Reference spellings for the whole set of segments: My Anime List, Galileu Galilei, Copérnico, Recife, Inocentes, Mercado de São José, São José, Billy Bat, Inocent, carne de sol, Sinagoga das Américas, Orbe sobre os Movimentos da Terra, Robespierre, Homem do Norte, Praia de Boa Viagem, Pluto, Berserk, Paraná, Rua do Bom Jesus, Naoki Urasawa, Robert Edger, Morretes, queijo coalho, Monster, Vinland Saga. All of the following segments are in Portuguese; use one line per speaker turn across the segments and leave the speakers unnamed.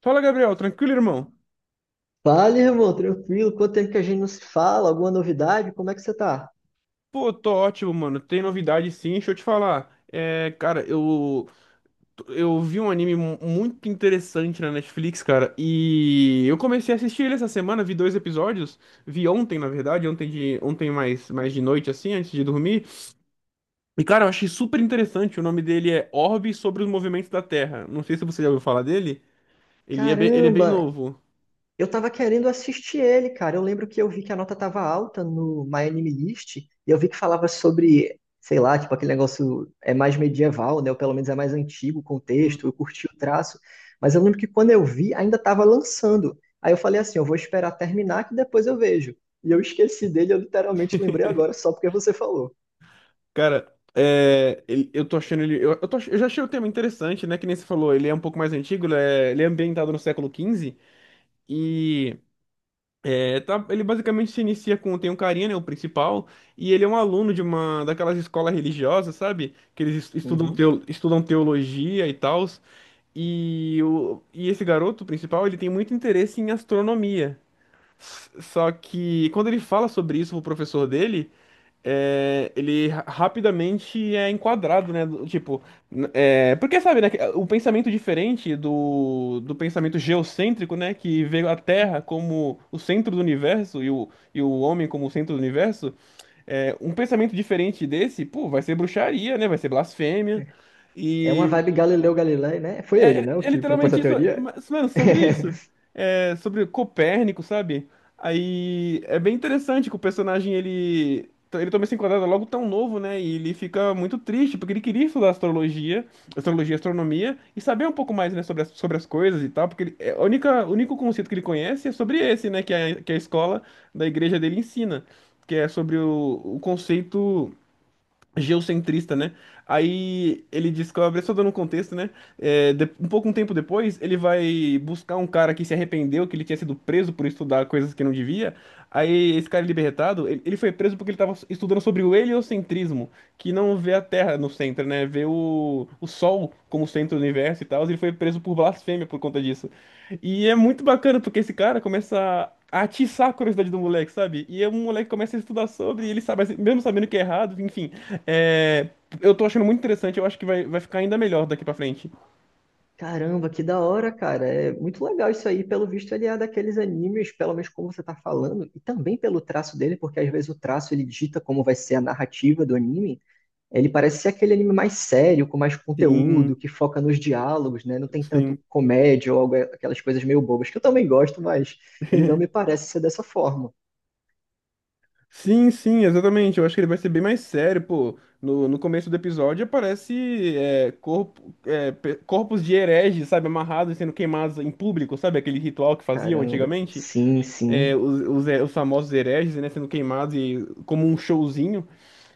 Fala, Gabriel, tranquilo, irmão?
Fala, irmão, tranquilo. Quanto tempo que a gente não se fala? Alguma novidade? Como é que você tá?
Pô, tô ótimo, mano. Tem novidade sim, deixa eu te falar. Eu vi um anime muito interessante na Netflix, cara, e eu comecei a assistir ele essa semana, vi dois episódios, vi ontem, na verdade, ontem mais de noite, assim, antes de dormir. E, cara, eu achei super interessante. O nome dele é Orbe sobre os Movimentos da Terra. Não sei se você já ouviu falar dele. Ele é bem
Caramba,
novo.
eu tava querendo assistir ele, cara. Eu lembro que eu vi que a nota tava alta no My Anime List, e eu vi que falava sobre, sei lá, tipo, aquele negócio é mais medieval, né? Ou pelo menos é mais antigo o contexto, eu curti o traço. Mas eu lembro que quando eu vi, ainda tava lançando. Aí eu falei assim, eu vou esperar terminar que depois eu vejo. E eu esqueci dele, eu literalmente lembrei agora, só porque você falou.
Eu tô achando ele. Eu já achei o tema interessante, né? Que nem você falou, ele é um pouco mais antigo, ele é ambientado no século XV. E Ele basicamente se inicia com. Tem um carinha, né? O principal. E ele é um aluno de uma daquelas escolas religiosas, sabe? Que estudam,
Uhum.
estudam teologia e tal. E esse garoto principal, ele tem muito interesse em astronomia. Só que quando ele fala sobre isso pro professor dele é, rapidamente é enquadrado, né? Tipo, é, porque sabe, né? Que o pensamento diferente do pensamento geocêntrico, né? Que vê a Terra como o centro do universo e o homem como o centro do universo. É, um pensamento diferente desse, pô, vai ser bruxaria, né? Vai ser blasfêmia.
É uma vibe Galileu Galilei, né? Foi ele,
É,
né? O
é
que propôs a
literalmente isso.
teoria.
Mas, mano, sobre isso. É, sobre Copérnico, sabe? Aí é bem interessante que o personagem ele. Ele toma esse enquadrado logo tão novo, né? E ele fica muito triste, porque ele queria estudar astronomia, e saber um pouco mais, né, sobre as coisas e tal, porque ele, é, o único conceito que ele conhece é sobre esse, né, que a escola da igreja dele ensina, que é sobre o conceito geocentrista, né? Aí ele descobre, só dando um contexto, né? Um pouco um tempo depois, ele vai buscar um cara que se arrependeu, que ele tinha sido preso por estudar coisas que não devia. Aí esse cara libertado, ele foi preso porque ele estava estudando sobre o heliocentrismo, que não vê a Terra no centro, né? Vê o Sol como centro do universo e tal. Ele foi preso por blasfêmia por conta disso. E é muito bacana porque esse cara começa a atiçar a curiosidade do moleque, sabe? E o moleque começa a estudar sobre, e ele sabe, mesmo sabendo que é errado, enfim. É, eu tô achando muito interessante, eu acho que vai ficar ainda melhor daqui pra frente.
Caramba, que da hora, cara. É muito legal isso aí. Pelo visto, ele é daqueles animes, pelo menos como você tá falando, e também pelo traço dele, porque às vezes o traço ele dita como vai ser a narrativa do anime. Ele parece ser aquele anime mais sério, com mais conteúdo,
Sim,
que foca nos diálogos, né? Não tem tanto
sim.
comédia ou aquelas coisas meio bobas, que eu também gosto, mas ele não me parece ser dessa forma.
Sim, sim, exatamente. Eu acho que ele vai ser bem mais sério, pô. No começo do episódio aparece é, corpos de hereges, sabe, amarrados e sendo queimados em público, sabe? Aquele ritual que faziam
Caramba.
antigamente.
Sim,
É,
sim.
os famosos hereges, né, sendo queimados e, como um showzinho.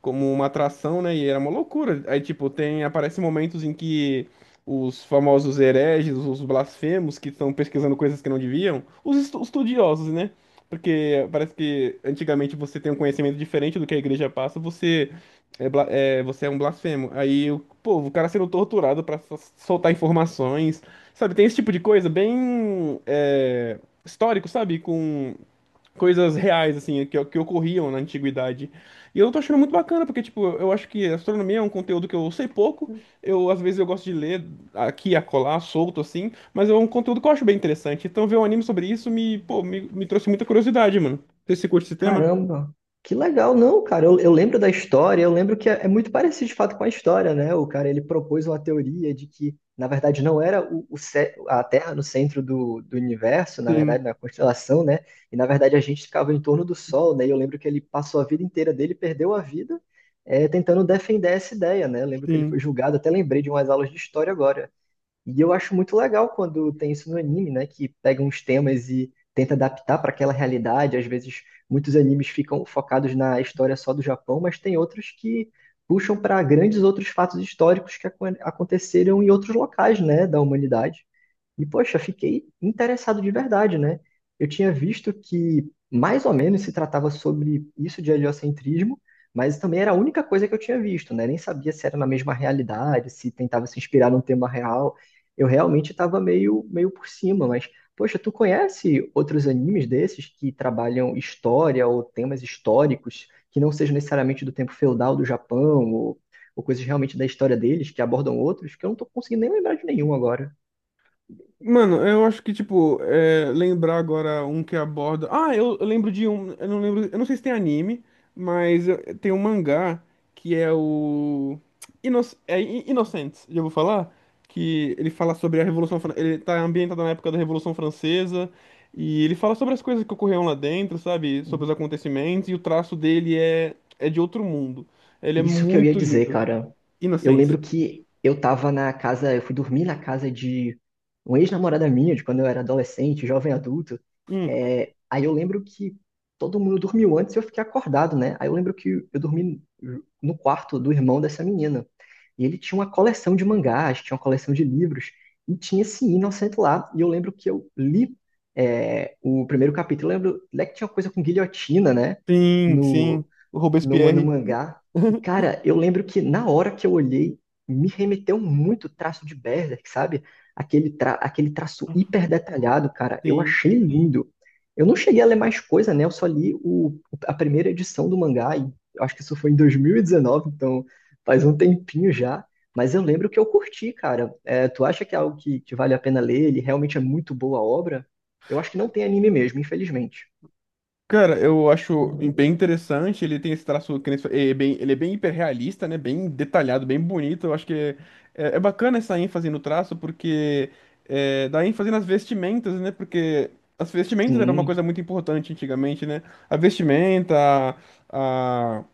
Como uma atração, né? E era uma loucura. Aí, tipo, tem, aparecem momentos em que os famosos hereges, os blasfemos que estão pesquisando coisas que não deviam, estudiosos, né? Porque parece que antigamente você tem um conhecimento diferente do que a igreja passa, você é, você é um blasfemo. Pô, o cara sendo torturado pra soltar informações, sabe? Tem esse tipo de coisa bem é, histórico, sabe? Com coisas reais, assim, que ocorriam na antiguidade. E eu tô achando muito bacana, porque, tipo, eu acho que astronomia é um conteúdo que eu sei pouco, eu, às vezes, eu gosto de ler aqui, acolá, solto, assim, mas é um conteúdo que eu acho bem interessante. Então, ver um anime sobre isso me trouxe muita curiosidade, mano. Você curte esse tema?
Caramba, que legal, não, cara. Eu lembro da história, eu lembro que é muito parecido de fato com a história, né? O cara ele propôs uma teoria de que, na verdade, não era o a Terra no centro do universo, na
Sim,
verdade, na constelação, né? E na verdade a gente ficava em torno do Sol, né? E eu lembro que ele passou a vida inteira dele, perdeu a vida, tentando defender essa ideia, né? Eu lembro que ele foi
sim.
julgado, até lembrei de umas aulas de história agora. E eu acho muito legal quando tem isso no anime, né? Que pega uns temas e tenta adaptar para aquela realidade. Às vezes, muitos animes ficam focados na história só do Japão, mas tem outros que puxam para grandes outros fatos históricos que aconteceram em outros locais, né, da humanidade. E, poxa, fiquei interessado de verdade, né? Eu tinha visto que mais ou menos se tratava sobre isso de heliocentrismo, mas também era a única coisa que eu tinha visto, né? Nem sabia se era na mesma realidade, se tentava se inspirar num tema real. Eu realmente estava meio por cima, mas, poxa, tu conhece outros animes desses que trabalham história ou temas históricos que não sejam necessariamente do tempo feudal do Japão ou coisas realmente da história deles que abordam outros, que eu não estou conseguindo nem lembrar de nenhum agora.
Mano, eu acho que, tipo, é, lembrar agora um que aborda. Eu lembro de um. Eu não lembro. Eu não sei se tem anime, mas tem um mangá que é o. Ino... Inocentes, já vou falar. Que ele fala sobre a Revolução Fran- Ele tá ambientado na época da Revolução Francesa. E ele fala sobre as coisas que ocorreram lá dentro, sabe? Sobre os acontecimentos. E o traço dele é de outro mundo. Ele é
Isso que eu ia
muito
dizer,
lindo.
cara. Eu
Inocentes.
lembro que eu tava na casa, eu fui dormir na casa de uma ex-namorada minha, de quando eu era adolescente, jovem adulto.
Hum,
É, aí eu lembro que todo mundo dormiu antes e eu fiquei acordado, né? Aí eu lembro que eu dormi no quarto do irmão dessa menina. E ele tinha uma coleção de mangás, tinha uma coleção de livros, e tinha esse Inocent lá. E eu lembro que eu li o primeiro capítulo. Eu lembro, né, que tinha uma coisa com guilhotina, né?
sim, sim. O
No
Robespierre.
mangá. E, cara, eu lembro que na hora que eu olhei, me remeteu muito o traço de Berserk, sabe? Aquele traço hiper detalhado, cara. Eu
Sim.
achei lindo. Eu não cheguei a ler mais coisa, né? Eu só li a primeira edição do mangá, e eu acho que isso foi em 2019, então faz um tempinho já. Mas eu lembro que eu curti, cara. É, tu acha que é algo que vale a pena ler? Ele realmente é muito boa a obra? Eu acho que não tem anime mesmo, infelizmente.
Cara, eu acho bem interessante, ele tem esse traço, que nem você- é bem, ele é bem hiperrealista, né? Bem detalhado, bem bonito. Eu acho que é bacana essa ênfase no traço, porque é, dá ênfase nas vestimentas, né? Porque as vestimentas era uma coisa
Sim,
muito importante antigamente, né? A vestimenta, a,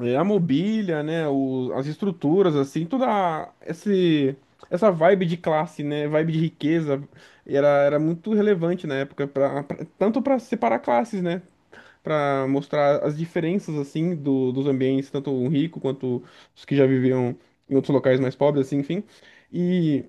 é, a mobília, né? O- as estruturas, assim, essa vibe de classe, né? Vibe de riqueza, era muito relevante na época, tanto para separar classes, né? Para mostrar as diferenças assim dos ambientes, tanto o rico quanto os que já viviam em outros locais mais pobres, assim, enfim. E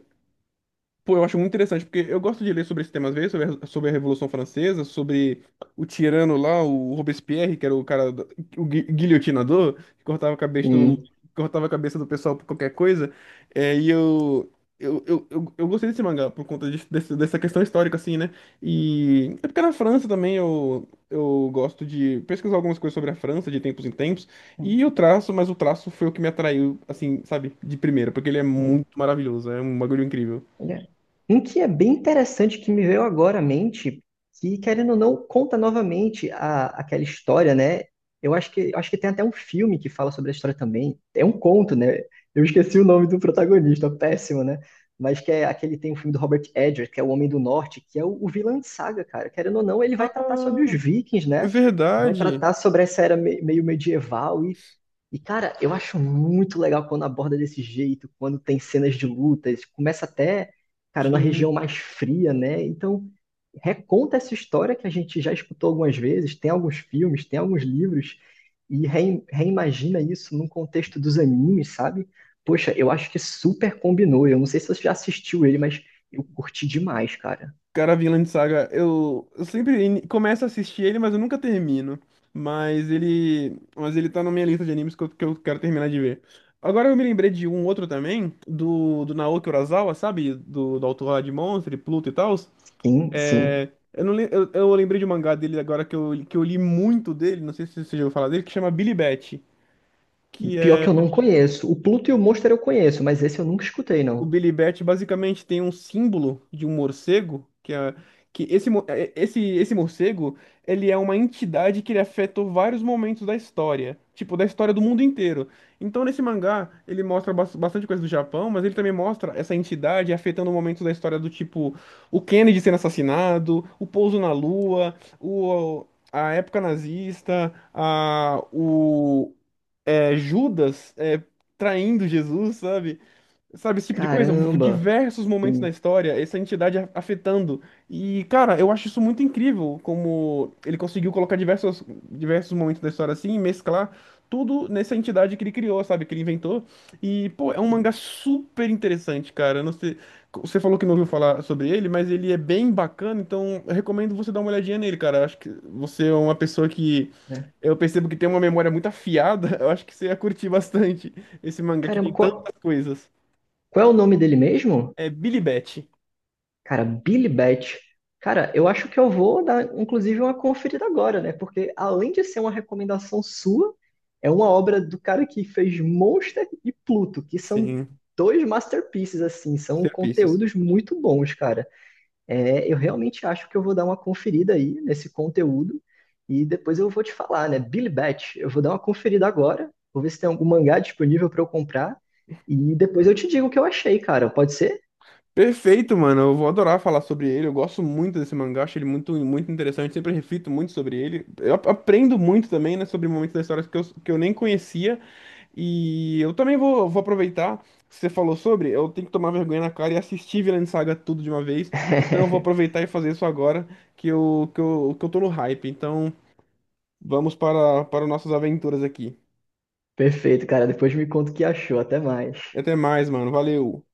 pô, eu acho muito interessante, porque eu gosto de ler sobre esse tema às vezes, sobre a Revolução Francesa, sobre o tirano lá, o Robespierre, que era o cara, guilhotinador, que cortava a cabeça de
sim.
cortava a cabeça do pessoal por qualquer coisa. É, eu gostei desse mangá por conta dessa questão histórica, assim, né? E é porque na França também eu gosto de pesquisar algumas coisas sobre a França de tempos em tempos, e o traço, mas o traço foi o que me atraiu, assim, sabe, de primeira, porque ele é muito maravilhoso, é um bagulho incrível.
Olha, um que é bem interessante que me veio agora à mente, que querendo ou não conta novamente aquela história, né? Eu acho que tem até um filme que fala sobre a história também. É um conto, né? Eu esqueci o nome do protagonista, é péssimo, né? Mas que é aquele tem um filme do Robert Edger, que é o Homem do Norte, que é o vilão de saga, cara. Querendo ou não, ele vai tratar sobre os vikings,
É
né? Vai
verdade.
tratar sobre essa era meio medieval e, cara, eu acho muito legal quando aborda desse jeito, quando tem cenas de lutas, começa até, cara, na
Sim.
região mais fria, né? Então, reconta essa história que a gente já escutou algumas vezes, tem alguns filmes, tem alguns livros, e reimagina isso num contexto dos animes, sabe? Poxa, eu acho que super combinou. Eu não sei se você já assistiu ele, mas eu curti demais, cara.
Cara, Vinland Saga, começo a assistir ele, mas eu nunca termino. Mas ele tá na minha lista de animes que eu quero terminar de ver. Agora eu me lembrei de um outro também, do Naoki Urasawa, sabe? Do autor lá de Monster, e Pluto e tal.
Sim, sim.
É, eu, não, lem- Eu lembrei de um mangá dele agora que eu li muito dele, não sei se você já ouviu falar dele, que chama Billy Bat, que
Pior
é
que eu não conheço. O Pluto e o Monster eu conheço, mas esse eu nunca escutei,
o
não.
Billy Bat. Basicamente tem um símbolo de um morcego, que é que esse, mo- é- esse morcego, ele é uma entidade que ele afetou vários momentos da história, tipo, da história do mundo inteiro. Então, nesse mangá, ele mostra bastante coisa do Japão, mas ele também mostra essa entidade afetando momentos da história do tipo, o Kennedy sendo assassinado, o pouso na Lua, a época nazista, Judas é, traindo Jesus, sabe? Sabe, esse tipo de coisa?
Caramba,
Diversos momentos na
sim.
história, essa entidade afetando. E, cara, eu acho isso muito incrível, como ele conseguiu colocar diversos momentos da história assim, e mesclar tudo nessa entidade que ele criou, sabe? Que ele inventou. E, pô, é um mangá super interessante, cara. Eu não sei, você falou que não ouviu falar sobre ele, mas ele é bem bacana, então eu recomendo você dar uma olhadinha nele, cara. Eu acho que você é uma pessoa que.
Né?
Eu percebo que tem uma memória muito afiada, eu acho que você ia curtir bastante esse mangá que tem
Caramba,
tantas coisas.
qual é o nome dele mesmo?
É Billy Bat.
Cara, Billy Bat. Cara, eu acho que eu vou dar, inclusive, uma conferida agora, né? Porque além de ser uma recomendação sua, é uma obra do cara que fez Monster e Pluto, que são
Sim.
dois masterpieces, assim, são
Masterpieces.
conteúdos muito bons, cara. É, eu realmente acho que eu vou dar uma conferida aí nesse conteúdo e depois eu vou te falar, né? Billy Bat, eu vou dar uma conferida agora, vou ver se tem algum mangá disponível para eu comprar e depois eu te digo o que eu achei, cara. Pode ser?
Perfeito, mano. Eu vou adorar falar sobre ele. Eu gosto muito desse mangá, acho ele muito, muito interessante. Sempre reflito muito sobre ele. Aprendo muito também, né, sobre momentos da história que eu nem conhecia. E eu também vou aproveitar que você falou sobre. Eu tenho que tomar vergonha na cara e assistir Vinland Saga tudo de uma vez. Então eu vou aproveitar e fazer isso agora que eu tô no hype. Então vamos para nossas aventuras aqui.
Perfeito, cara. Depois me conta o que achou. Até mais.
Até mais, mano. Valeu.